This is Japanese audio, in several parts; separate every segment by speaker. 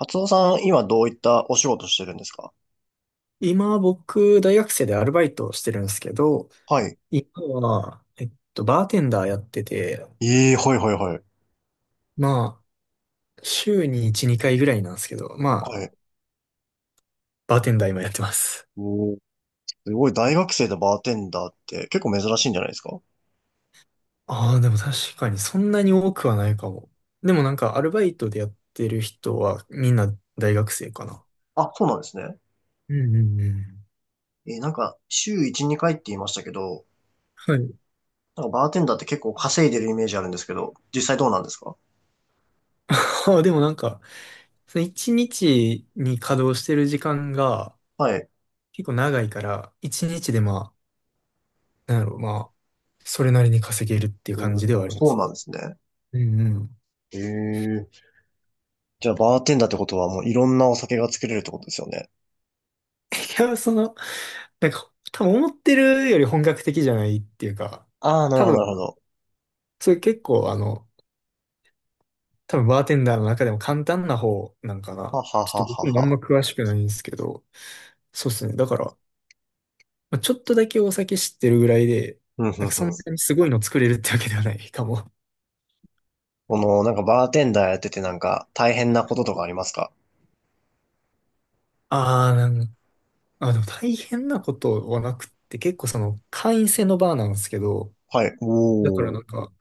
Speaker 1: 松尾さん、今どういったお仕事してるんですか？
Speaker 2: 今僕、大学生でアルバイトをしてるんですけど、
Speaker 1: はい。
Speaker 2: 今は、バーテンダーやってて、
Speaker 1: ええ、はいはいはい。
Speaker 2: まあ、週に1、2回ぐらいなんですけど、ま
Speaker 1: は
Speaker 2: あ、
Speaker 1: い。
Speaker 2: バーテンダー今やってます。
Speaker 1: おー、すごい、大学生でバーテンダーって結構珍しいんじゃないですか？
Speaker 2: ああ、でも確かにそんなに多くはないかも。でもなんか、アルバイトでやってる人はみんな大学生かな。
Speaker 1: あ、そうなんですね。
Speaker 2: うんうんうん。
Speaker 1: なんか、週1、2回って言いましたけど、
Speaker 2: はい。
Speaker 1: なんかバーテンダーって結構稼いでるイメージあるんですけど、実際どうなんですか？
Speaker 2: あでもなんか、その1日にちに稼働してる時間が
Speaker 1: はい。
Speaker 2: 結構長いから、1日でまなんやろ、まあ、それなりに稼げるっていう感じでは
Speaker 1: お
Speaker 2: あ
Speaker 1: ー、
Speaker 2: りま
Speaker 1: そう
Speaker 2: すね。
Speaker 1: なんですね。
Speaker 2: うんうん。
Speaker 1: ええ。じゃあ、バーテンダーってことはもういろんなお酒が作れるってことですよね。
Speaker 2: いや、その、なんか、多分思ってるより本格的じゃないっていうか、
Speaker 1: ああ、なる
Speaker 2: 多
Speaker 1: ほど、なる
Speaker 2: 分、
Speaker 1: ほど。
Speaker 2: それ結構、多分バーテンダーの中でも簡単な方なんかな。
Speaker 1: はは
Speaker 2: ちょっと
Speaker 1: はは
Speaker 2: 僕もあんま
Speaker 1: は。
Speaker 2: 詳しくないんですけど、そうですね。だから、まあちょっとだけお酒知ってるぐらいで、
Speaker 1: ふんふ
Speaker 2: なん
Speaker 1: ん
Speaker 2: か
Speaker 1: ふ
Speaker 2: そん
Speaker 1: ん。
Speaker 2: なにすごいの作れるってわけではない かも。
Speaker 1: この、なんかバーテンダーやっててなんか大変なこととかありますか？
Speaker 2: ああ、あ、でも大変なことはなくって、結構その会員制のバーなんですけど、
Speaker 1: はい。
Speaker 2: だから
Speaker 1: おー。
Speaker 2: なんか、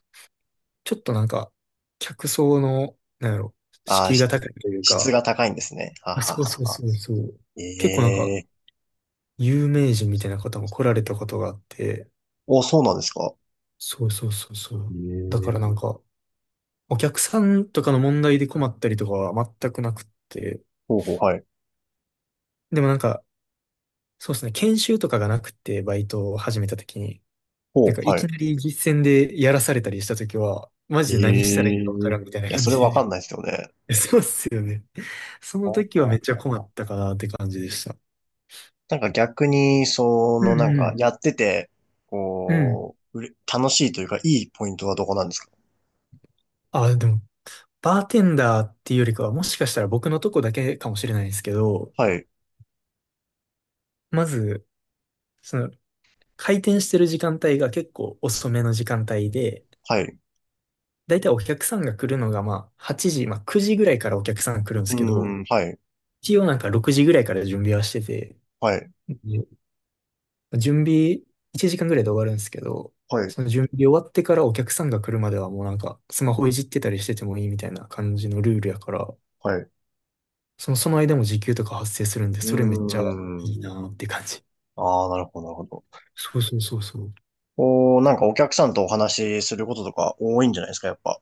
Speaker 2: ちょっとなんか、客層の、なんやろ、
Speaker 1: あー、
Speaker 2: 敷居が
Speaker 1: し
Speaker 2: 高いという
Speaker 1: 質
Speaker 2: か、
Speaker 1: が高いんですね。は
Speaker 2: あ、
Speaker 1: は
Speaker 2: そうそう
Speaker 1: はは。
Speaker 2: そうそう。
Speaker 1: え
Speaker 2: 結構なんか、
Speaker 1: えー。
Speaker 2: 有名人みたいな方も来られたことがあって、
Speaker 1: お、そうなんですか？
Speaker 2: そうそうそうそ
Speaker 1: え
Speaker 2: う。だ
Speaker 1: え
Speaker 2: からなん
Speaker 1: ー、
Speaker 2: か、お客さんとかの問題で困ったりとかは全くなくって、
Speaker 1: ほうほう。はい。
Speaker 2: でもなんか、そうですね、研修とかがなくて、バイトを始めた時に、
Speaker 1: ほ
Speaker 2: なん
Speaker 1: う、
Speaker 2: かい
Speaker 1: は
Speaker 2: き
Speaker 1: い。
Speaker 2: なり実践でやらされたりした時は、マ
Speaker 1: え
Speaker 2: ジで何したらいい
Speaker 1: え
Speaker 2: かわか
Speaker 1: ー。
Speaker 2: ら
Speaker 1: い
Speaker 2: んみたいな
Speaker 1: や、
Speaker 2: 感
Speaker 1: それわ
Speaker 2: じ
Speaker 1: か
Speaker 2: で。
Speaker 1: んないですよね。
Speaker 2: そうっすよね。その
Speaker 1: あ
Speaker 2: 時はめっちゃ
Speaker 1: あ、
Speaker 2: 困ったかなって感じでした。
Speaker 1: なんか逆に、そ
Speaker 2: う
Speaker 1: の、なんか
Speaker 2: ん
Speaker 1: やってて、
Speaker 2: うん。うん。
Speaker 1: こう、楽しいというか、いいポイントはどこなんですか？
Speaker 2: あ、でも、バーテンダーっていうよりかは、もしかしたら僕のとこだけかもしれないですけど、
Speaker 1: はい、
Speaker 2: まず、その、開店してる時間帯が結構遅めの時間帯で、
Speaker 1: はい、う
Speaker 2: だいたいお客さんが来るのが、まあ、8時、まあ、9時ぐらいからお客さんが来るんで
Speaker 1: ー
Speaker 2: すけど、
Speaker 1: ん、はい、
Speaker 2: 一応なんか6時ぐらいから準備はしてて、
Speaker 1: はい、
Speaker 2: 準備1時間ぐらいで終わるんですけど、
Speaker 1: はい、
Speaker 2: その準備終わってからお客さんが来るまではもうなんかスマホいじってたりしててもいいみたいな感じのルールやから、
Speaker 1: はい、う
Speaker 2: その間も時給とか発生するんで、
Speaker 1: ー
Speaker 2: それめっちゃい
Speaker 1: ん。
Speaker 2: いなーって感じ。
Speaker 1: ああ、なるほど、なるほど。
Speaker 2: そうそうそうそう。
Speaker 1: おー、なんかお客さんとお話しすることとか多いんじゃないですか、やっぱ？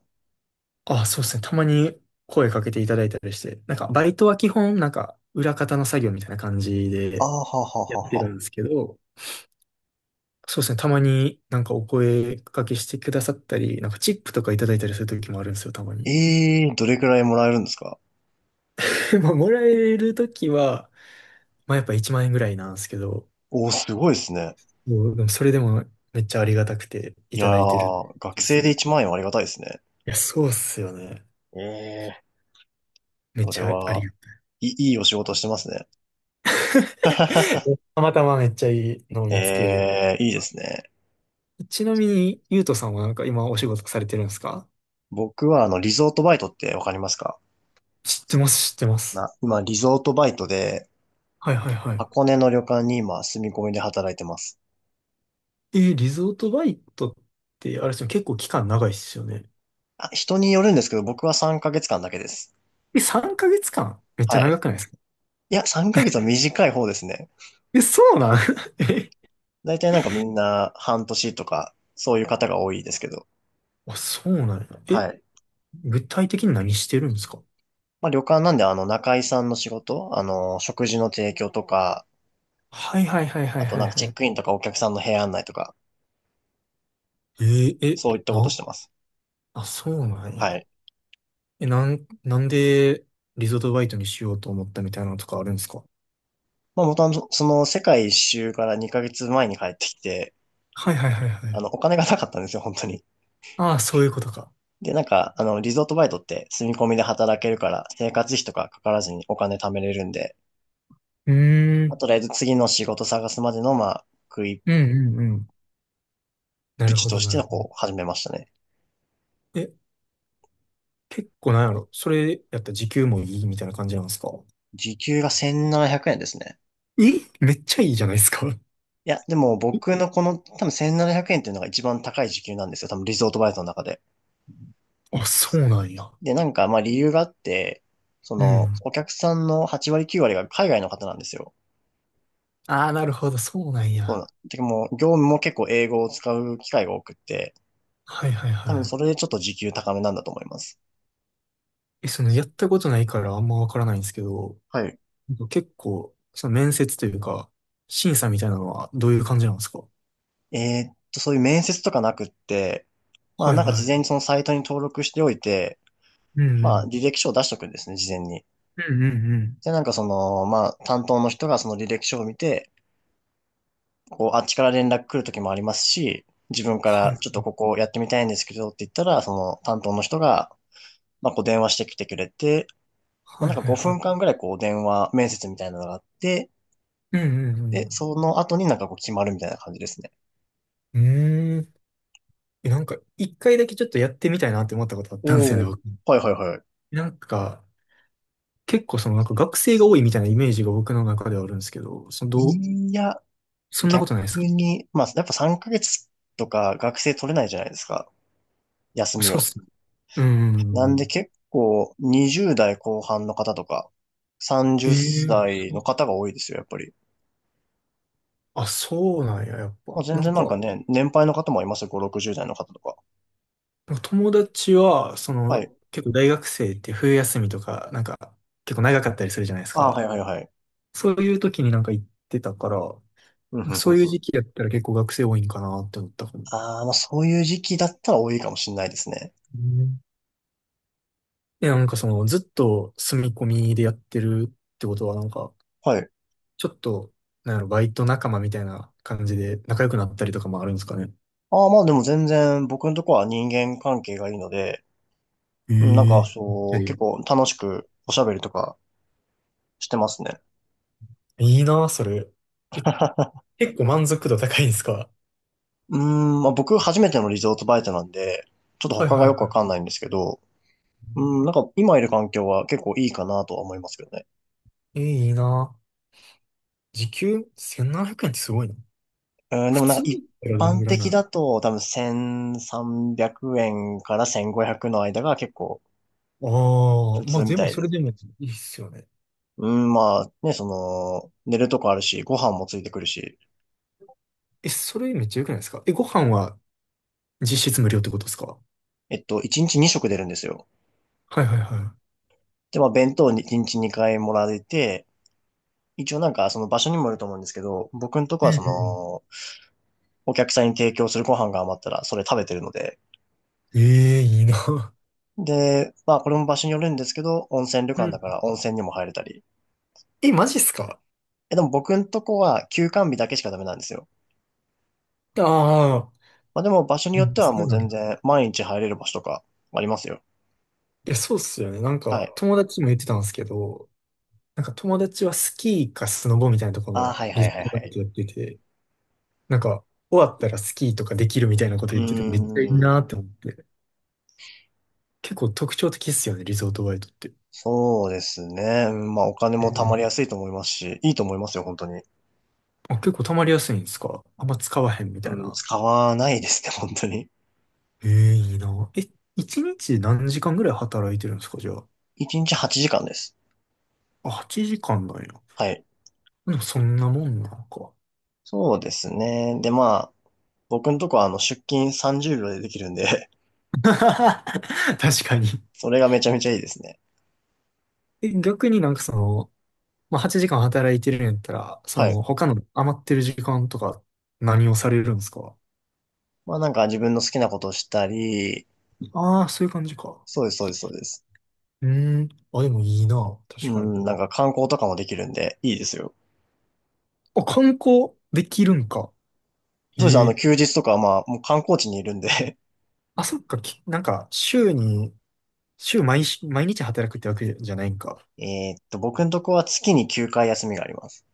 Speaker 2: あ、そうですね。たまに声かけていただいたりして、なんかバイトは基本なんか裏方の作業みたいな感じ
Speaker 1: あ
Speaker 2: で
Speaker 1: あ、はは
Speaker 2: や
Speaker 1: は
Speaker 2: ってる
Speaker 1: は。
Speaker 2: んですけど、そうですね。たまになんかお声かけしてくださったり、なんかチップとかいただいたりする時もあるんですよ、たまに。
Speaker 1: ええー、どれくらいもらえるんですか？
Speaker 2: でも、もらえるときは、まあやっぱ1万円ぐらいなんですけど、
Speaker 1: おー、すごいですね。
Speaker 2: もう、でもそれでもめっちゃありがたくてい
Speaker 1: いや
Speaker 2: ただいてる
Speaker 1: ー、学
Speaker 2: です
Speaker 1: 生
Speaker 2: ね。
Speaker 1: で
Speaker 2: い
Speaker 1: 1万円はありがたいですね。
Speaker 2: や、そうっすよね。
Speaker 1: ええ
Speaker 2: めっ
Speaker 1: ー、それ
Speaker 2: ちゃあり
Speaker 1: は、
Speaker 2: が
Speaker 1: いい、いいお仕事してますね。
Speaker 2: たい。たまたまめっちゃいいのを見つけれて。
Speaker 1: ええー、いいですね。
Speaker 2: ちなみに、ゆうとさんはなんか今お仕事されてるんですか？
Speaker 1: 僕はリゾートバイトってわかりますか？
Speaker 2: 知ってます、知ってます。
Speaker 1: 今、リゾートバイトで、
Speaker 2: はいはいはい。
Speaker 1: 箱根の旅館に今、住み込みで働いてます。
Speaker 2: リゾートバイトって、あれですよね、結構期間長いっすよね。
Speaker 1: あ、人によるんですけど、僕は3ヶ月間だけです。
Speaker 2: え、3ヶ月間めっちゃ
Speaker 1: はい。
Speaker 2: 長くないですか？
Speaker 1: いや、3ヶ月は短い方ですね。
Speaker 2: え、そうなん え、
Speaker 1: 大体なんかみんな半年とか、そういう方が多いですけど。
Speaker 2: あ、そうなんや。え、
Speaker 1: はい。
Speaker 2: 具体的に何してるんですか？
Speaker 1: まあ旅館なんで中居さんの仕事、食事の提供とか、
Speaker 2: はいはいはいは
Speaker 1: あ
Speaker 2: い
Speaker 1: と
Speaker 2: はい
Speaker 1: なんかチ
Speaker 2: は
Speaker 1: ェッ
Speaker 2: い。
Speaker 1: クインとかお客さんの部屋案内とか、
Speaker 2: え、
Speaker 1: そういったことし
Speaker 2: な、
Speaker 1: てます。
Speaker 2: あ、そうなんや。
Speaker 1: はい。
Speaker 2: え、なんで、リゾートバイトにしようと思ったみたいなのとかあるんですか？
Speaker 1: まあ元々その世界一周から2ヶ月前に帰ってきて、
Speaker 2: はいはいはいはい。
Speaker 1: お金がなかったんですよ、本当に。
Speaker 2: ああ、そういうことか。
Speaker 1: で、なんか、リゾートバイトって住み込みで働けるから、生活費とかかからずにお金貯めれるんで、
Speaker 2: うー
Speaker 1: まあ
Speaker 2: ん。
Speaker 1: とりあえず次の仕事探すまでの、まあ、食いっ
Speaker 2: うんうんうん。な
Speaker 1: ぷ
Speaker 2: る
Speaker 1: ち
Speaker 2: ほ
Speaker 1: と
Speaker 2: ど
Speaker 1: し
Speaker 2: な
Speaker 1: て、
Speaker 2: るほど。
Speaker 1: こう、始めましたね。
Speaker 2: え、結構なんやろ。それやったら時給もいいみたいな感じなんですか？
Speaker 1: 時給が1700円ですね。
Speaker 2: え、めっちゃいいじゃないですか。
Speaker 1: いや、でも僕のこの多分1700円っていうのが一番高い時給なんですよ。多分リゾートバイトの中で。
Speaker 2: あ、そうなんや。
Speaker 1: で、なんかまあ理由があって、そ
Speaker 2: う
Speaker 1: の
Speaker 2: ん。
Speaker 1: お客さんの8割9割が海外の方なんですよ。
Speaker 2: ああ、なるほど、そうなん
Speaker 1: そう
Speaker 2: や。
Speaker 1: なん。てかもう業務も結構英語を使う機会が多くって、
Speaker 2: はいはい
Speaker 1: 多分
Speaker 2: は
Speaker 1: それで
Speaker 2: い。
Speaker 1: ちょっと時給高めなんだと思います。
Speaker 2: え、その、やったことないからあんまわからないんですけど、
Speaker 1: はい。
Speaker 2: なんか結構、その面接というか、審査みたいなのはどういう感じなんですか？
Speaker 1: そういう面接とかなくって、まあ
Speaker 2: はい
Speaker 1: なんか
Speaker 2: は
Speaker 1: 事
Speaker 2: い。
Speaker 1: 前にそのサイトに登録しておいて、
Speaker 2: うんう
Speaker 1: まあ
Speaker 2: ん。
Speaker 1: 履歴書を出しとくんですね、事前に。
Speaker 2: うんうんうん。
Speaker 1: で、なんかその、まあ、担当の人がその履歴書を見て、こう、あっちから連絡来る時もありますし、自分か
Speaker 2: は
Speaker 1: らちょっとこ
Speaker 2: い。
Speaker 1: こやってみたいんですけどって言ったら、その担当の人が、まあ、こう電話してきてくれて、まあ、
Speaker 2: はい
Speaker 1: なんか
Speaker 2: はい
Speaker 1: 5
Speaker 2: はい。
Speaker 1: 分間ぐらいこう電話面接みたいなのがあって、
Speaker 2: うんう
Speaker 1: で、
Speaker 2: ん
Speaker 1: その後になんかこう決まるみたいな感じですね。
Speaker 2: うん。うーん。え、なんか、一回だけちょっとやってみたいなって思ったことあったんですよ
Speaker 1: おお、
Speaker 2: ね、僕。
Speaker 1: はいはいはい。
Speaker 2: なんか、結構その、なんか学生が多いみたいなイメージが僕の中ではあるんですけど、その、
Speaker 1: いや、
Speaker 2: そんなこ
Speaker 1: 逆
Speaker 2: とないですか？
Speaker 1: に、まあ、やっぱ3ヶ月とか学生取れないじゃないですか。休み
Speaker 2: そ
Speaker 1: を。
Speaker 2: うっすね。うんうんうん
Speaker 1: な
Speaker 2: う
Speaker 1: んで
Speaker 2: ん。
Speaker 1: 結構20代後半の方とか
Speaker 2: へ
Speaker 1: 30
Speaker 2: え、
Speaker 1: 歳
Speaker 2: そ
Speaker 1: の
Speaker 2: う。
Speaker 1: 方が多いですよ、やっぱり。
Speaker 2: あ、そうなんや、やっぱ。
Speaker 1: まあ、全
Speaker 2: な
Speaker 1: 然
Speaker 2: ん
Speaker 1: なんか
Speaker 2: か、
Speaker 1: ね、年配の方もいますよ、5、60代の方とか。
Speaker 2: 友達は、そ
Speaker 1: は
Speaker 2: の、
Speaker 1: い。
Speaker 2: 結構大学生って冬休みとか、なんか、結構長かったりするじゃないです
Speaker 1: ああ、はい
Speaker 2: か。
Speaker 1: はいはい。
Speaker 2: そういう時になんか行ってたから、
Speaker 1: うんうんうんう
Speaker 2: そ
Speaker 1: ん。
Speaker 2: ういう時期やったら結構学生多いんかなって思ったかも。
Speaker 1: ああ、まあそういう時期だったら多いかもしれないですね。
Speaker 2: うん。え、なんかその、ずっと住み込みでやってるってことは、なんか、
Speaker 1: はい。
Speaker 2: ちょっと、なんやろ、バイト仲間みたいな感じで仲良くなったりとかもあるんですかね。
Speaker 1: ああ、まあでも全然僕のとこは人間関係がいいので、
Speaker 2: え
Speaker 1: うん、なんか
Speaker 2: え。
Speaker 1: そう、結
Speaker 2: で、
Speaker 1: 構楽しくおしゃべりとかしてますね。
Speaker 2: いいな、それ。え、結構満足度高いんですか？
Speaker 1: うーん、まあ僕初めてのリゾートバイトなんで、ちょっと
Speaker 2: はい
Speaker 1: 他がよ
Speaker 2: は
Speaker 1: くわかんないんですけど、うん、なんか今いる環境は結構いいかなとは思いますけどね。
Speaker 2: い。え、いいな。時給1700円ってすごいな。
Speaker 1: うん、で
Speaker 2: 普
Speaker 1: もなん
Speaker 2: 通
Speaker 1: か
Speaker 2: だっ
Speaker 1: 一
Speaker 2: たらどん
Speaker 1: 般
Speaker 2: ぐらいな
Speaker 1: 的
Speaker 2: の？
Speaker 1: だと多分1300円から1500の間が結構
Speaker 2: ああー、
Speaker 1: 普
Speaker 2: ま
Speaker 1: 通
Speaker 2: あ
Speaker 1: み
Speaker 2: で
Speaker 1: た
Speaker 2: も
Speaker 1: い
Speaker 2: そ
Speaker 1: で
Speaker 2: れ
Speaker 1: す。
Speaker 2: でもいいっすよね。
Speaker 1: うん、まあね、その、寝るとこあるし、ご飯もついてくるし、
Speaker 2: え、それめっちゃ良くないですか？え、ご飯は実質無料ってことですか？
Speaker 1: 1日2食出るんですよ。
Speaker 2: はいはいは
Speaker 1: で、まあ弁当に1日2回もらえて、一応なんかその場所にもよると思うんですけど、僕のとこ
Speaker 2: い。
Speaker 1: は
Speaker 2: う
Speaker 1: そ
Speaker 2: ん
Speaker 1: の、お客さんに提供するご飯が余ったらそれ食べてるので、
Speaker 2: うん。ええ、いいな。
Speaker 1: で、まあこれも場所によるんですけど、温泉旅
Speaker 2: う
Speaker 1: 館だ
Speaker 2: ん。
Speaker 1: から温泉にも入れたり、
Speaker 2: え、マジっすか？
Speaker 1: え、でも僕んとこは休館日だけしかダメなんですよ。
Speaker 2: ああー、
Speaker 1: まあでも場所に
Speaker 2: う
Speaker 1: よっ
Speaker 2: ん、
Speaker 1: ては
Speaker 2: そ
Speaker 1: も
Speaker 2: う
Speaker 1: う
Speaker 2: なの。
Speaker 1: 全
Speaker 2: い
Speaker 1: 然毎日入れる場所とかありますよ。
Speaker 2: や、そうっすよね。なん
Speaker 1: はい。
Speaker 2: か、友達も言ってたんですけど、なんか友達はスキーかスノボみたいなところ
Speaker 1: ああ、
Speaker 2: の
Speaker 1: はい
Speaker 2: リ
Speaker 1: は
Speaker 2: ゾ
Speaker 1: いは
Speaker 2: ー
Speaker 1: い
Speaker 2: ト
Speaker 1: は
Speaker 2: バイト
Speaker 1: い。
Speaker 2: やってて、なんか、終わったらスキーとかできるみたいなこと
Speaker 1: う
Speaker 2: 言ってて、めっちゃいい
Speaker 1: ーん。
Speaker 2: なって思って。結構特徴的っすよね、リゾートバイトって。
Speaker 1: そうですね。うんまあお金
Speaker 2: う
Speaker 1: も貯ま
Speaker 2: ん。
Speaker 1: りやすいと思いますし、いいと思いますよ、本当に。
Speaker 2: あ、結構溜まりやすいんですか？あんま使わへんみたい
Speaker 1: うん、
Speaker 2: な。
Speaker 1: 使わないですね、本当に。
Speaker 2: ええ、いいな。え、一日何時間ぐらい働いてるんですか、じゃあ？
Speaker 1: 1日8時間です。
Speaker 2: あ、8時間なんや。
Speaker 1: はい。
Speaker 2: でもそんなもんなのか。
Speaker 1: そうですね。で、まあ、僕んとこは出勤30秒でできるんで
Speaker 2: 確かに。
Speaker 1: それがめちゃめちゃいいですね。
Speaker 2: え、逆になんかその、まあ、8時間働いてるんやったら、そ
Speaker 1: はい。
Speaker 2: の、他の余ってる時間とか何をされるんですか？
Speaker 1: まあなんか自分の好きなことをしたり、
Speaker 2: ああー、そういう感じか。
Speaker 1: そうです、そうです、そうです。
Speaker 2: うーん。あ、でもいいな。
Speaker 1: う
Speaker 2: 確かに。
Speaker 1: ん、なんか観光とかもできるんで、いいですよ。
Speaker 2: あ、観光できるんか。
Speaker 1: そうですね、
Speaker 2: ええ。
Speaker 1: 休日とかはまあ、もう観光地にいるんで
Speaker 2: あ、そっか、なんか、週に、週毎し、毎日働くってわけじゃないんか。
Speaker 1: 僕のとこは月に9回休みがあります。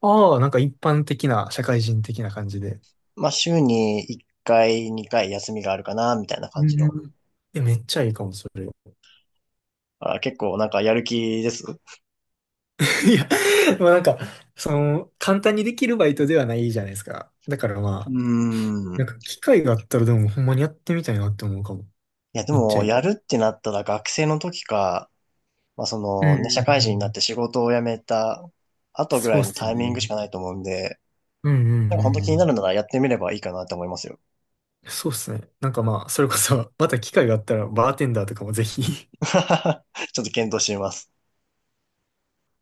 Speaker 2: ああ、なんか一般的な、社会人的な感じで。
Speaker 1: まあ、週に1回、2回休みがあるかな、みたいな感
Speaker 2: う
Speaker 1: じの。
Speaker 2: ん。え、めっちゃいいかも、それ。い
Speaker 1: あ、結構なんかやる気です。う
Speaker 2: や、まあなんか、その、簡単にできるバイトではないじゃないですか。だから
Speaker 1: ー
Speaker 2: まあ、
Speaker 1: ん。
Speaker 2: なんか
Speaker 1: い
Speaker 2: 機会があったらでもほんまにやってみたいなって思うかも。
Speaker 1: や、で
Speaker 2: めっちゃ
Speaker 1: も、
Speaker 2: い
Speaker 1: や
Speaker 2: い。
Speaker 1: るってなったら学生の時か、まあ、そ
Speaker 2: うんう
Speaker 1: の、ね、社会
Speaker 2: んうんう
Speaker 1: 人になっ
Speaker 2: ん。
Speaker 1: て仕事を辞めた後ぐ
Speaker 2: そ
Speaker 1: ら
Speaker 2: うっ
Speaker 1: いの
Speaker 2: すよ
Speaker 1: タイミングし
Speaker 2: ね。
Speaker 1: かないと思うんで、
Speaker 2: うんうんう
Speaker 1: なんか本当気
Speaker 2: ん
Speaker 1: に
Speaker 2: う
Speaker 1: な
Speaker 2: ん。
Speaker 1: るならやってみればいいかなと思いますよ。
Speaker 2: そうっすね。なんかまあ、それこそ、また機会があったら、バーテンダーとかもぜひ
Speaker 1: ちょっと検討してみます。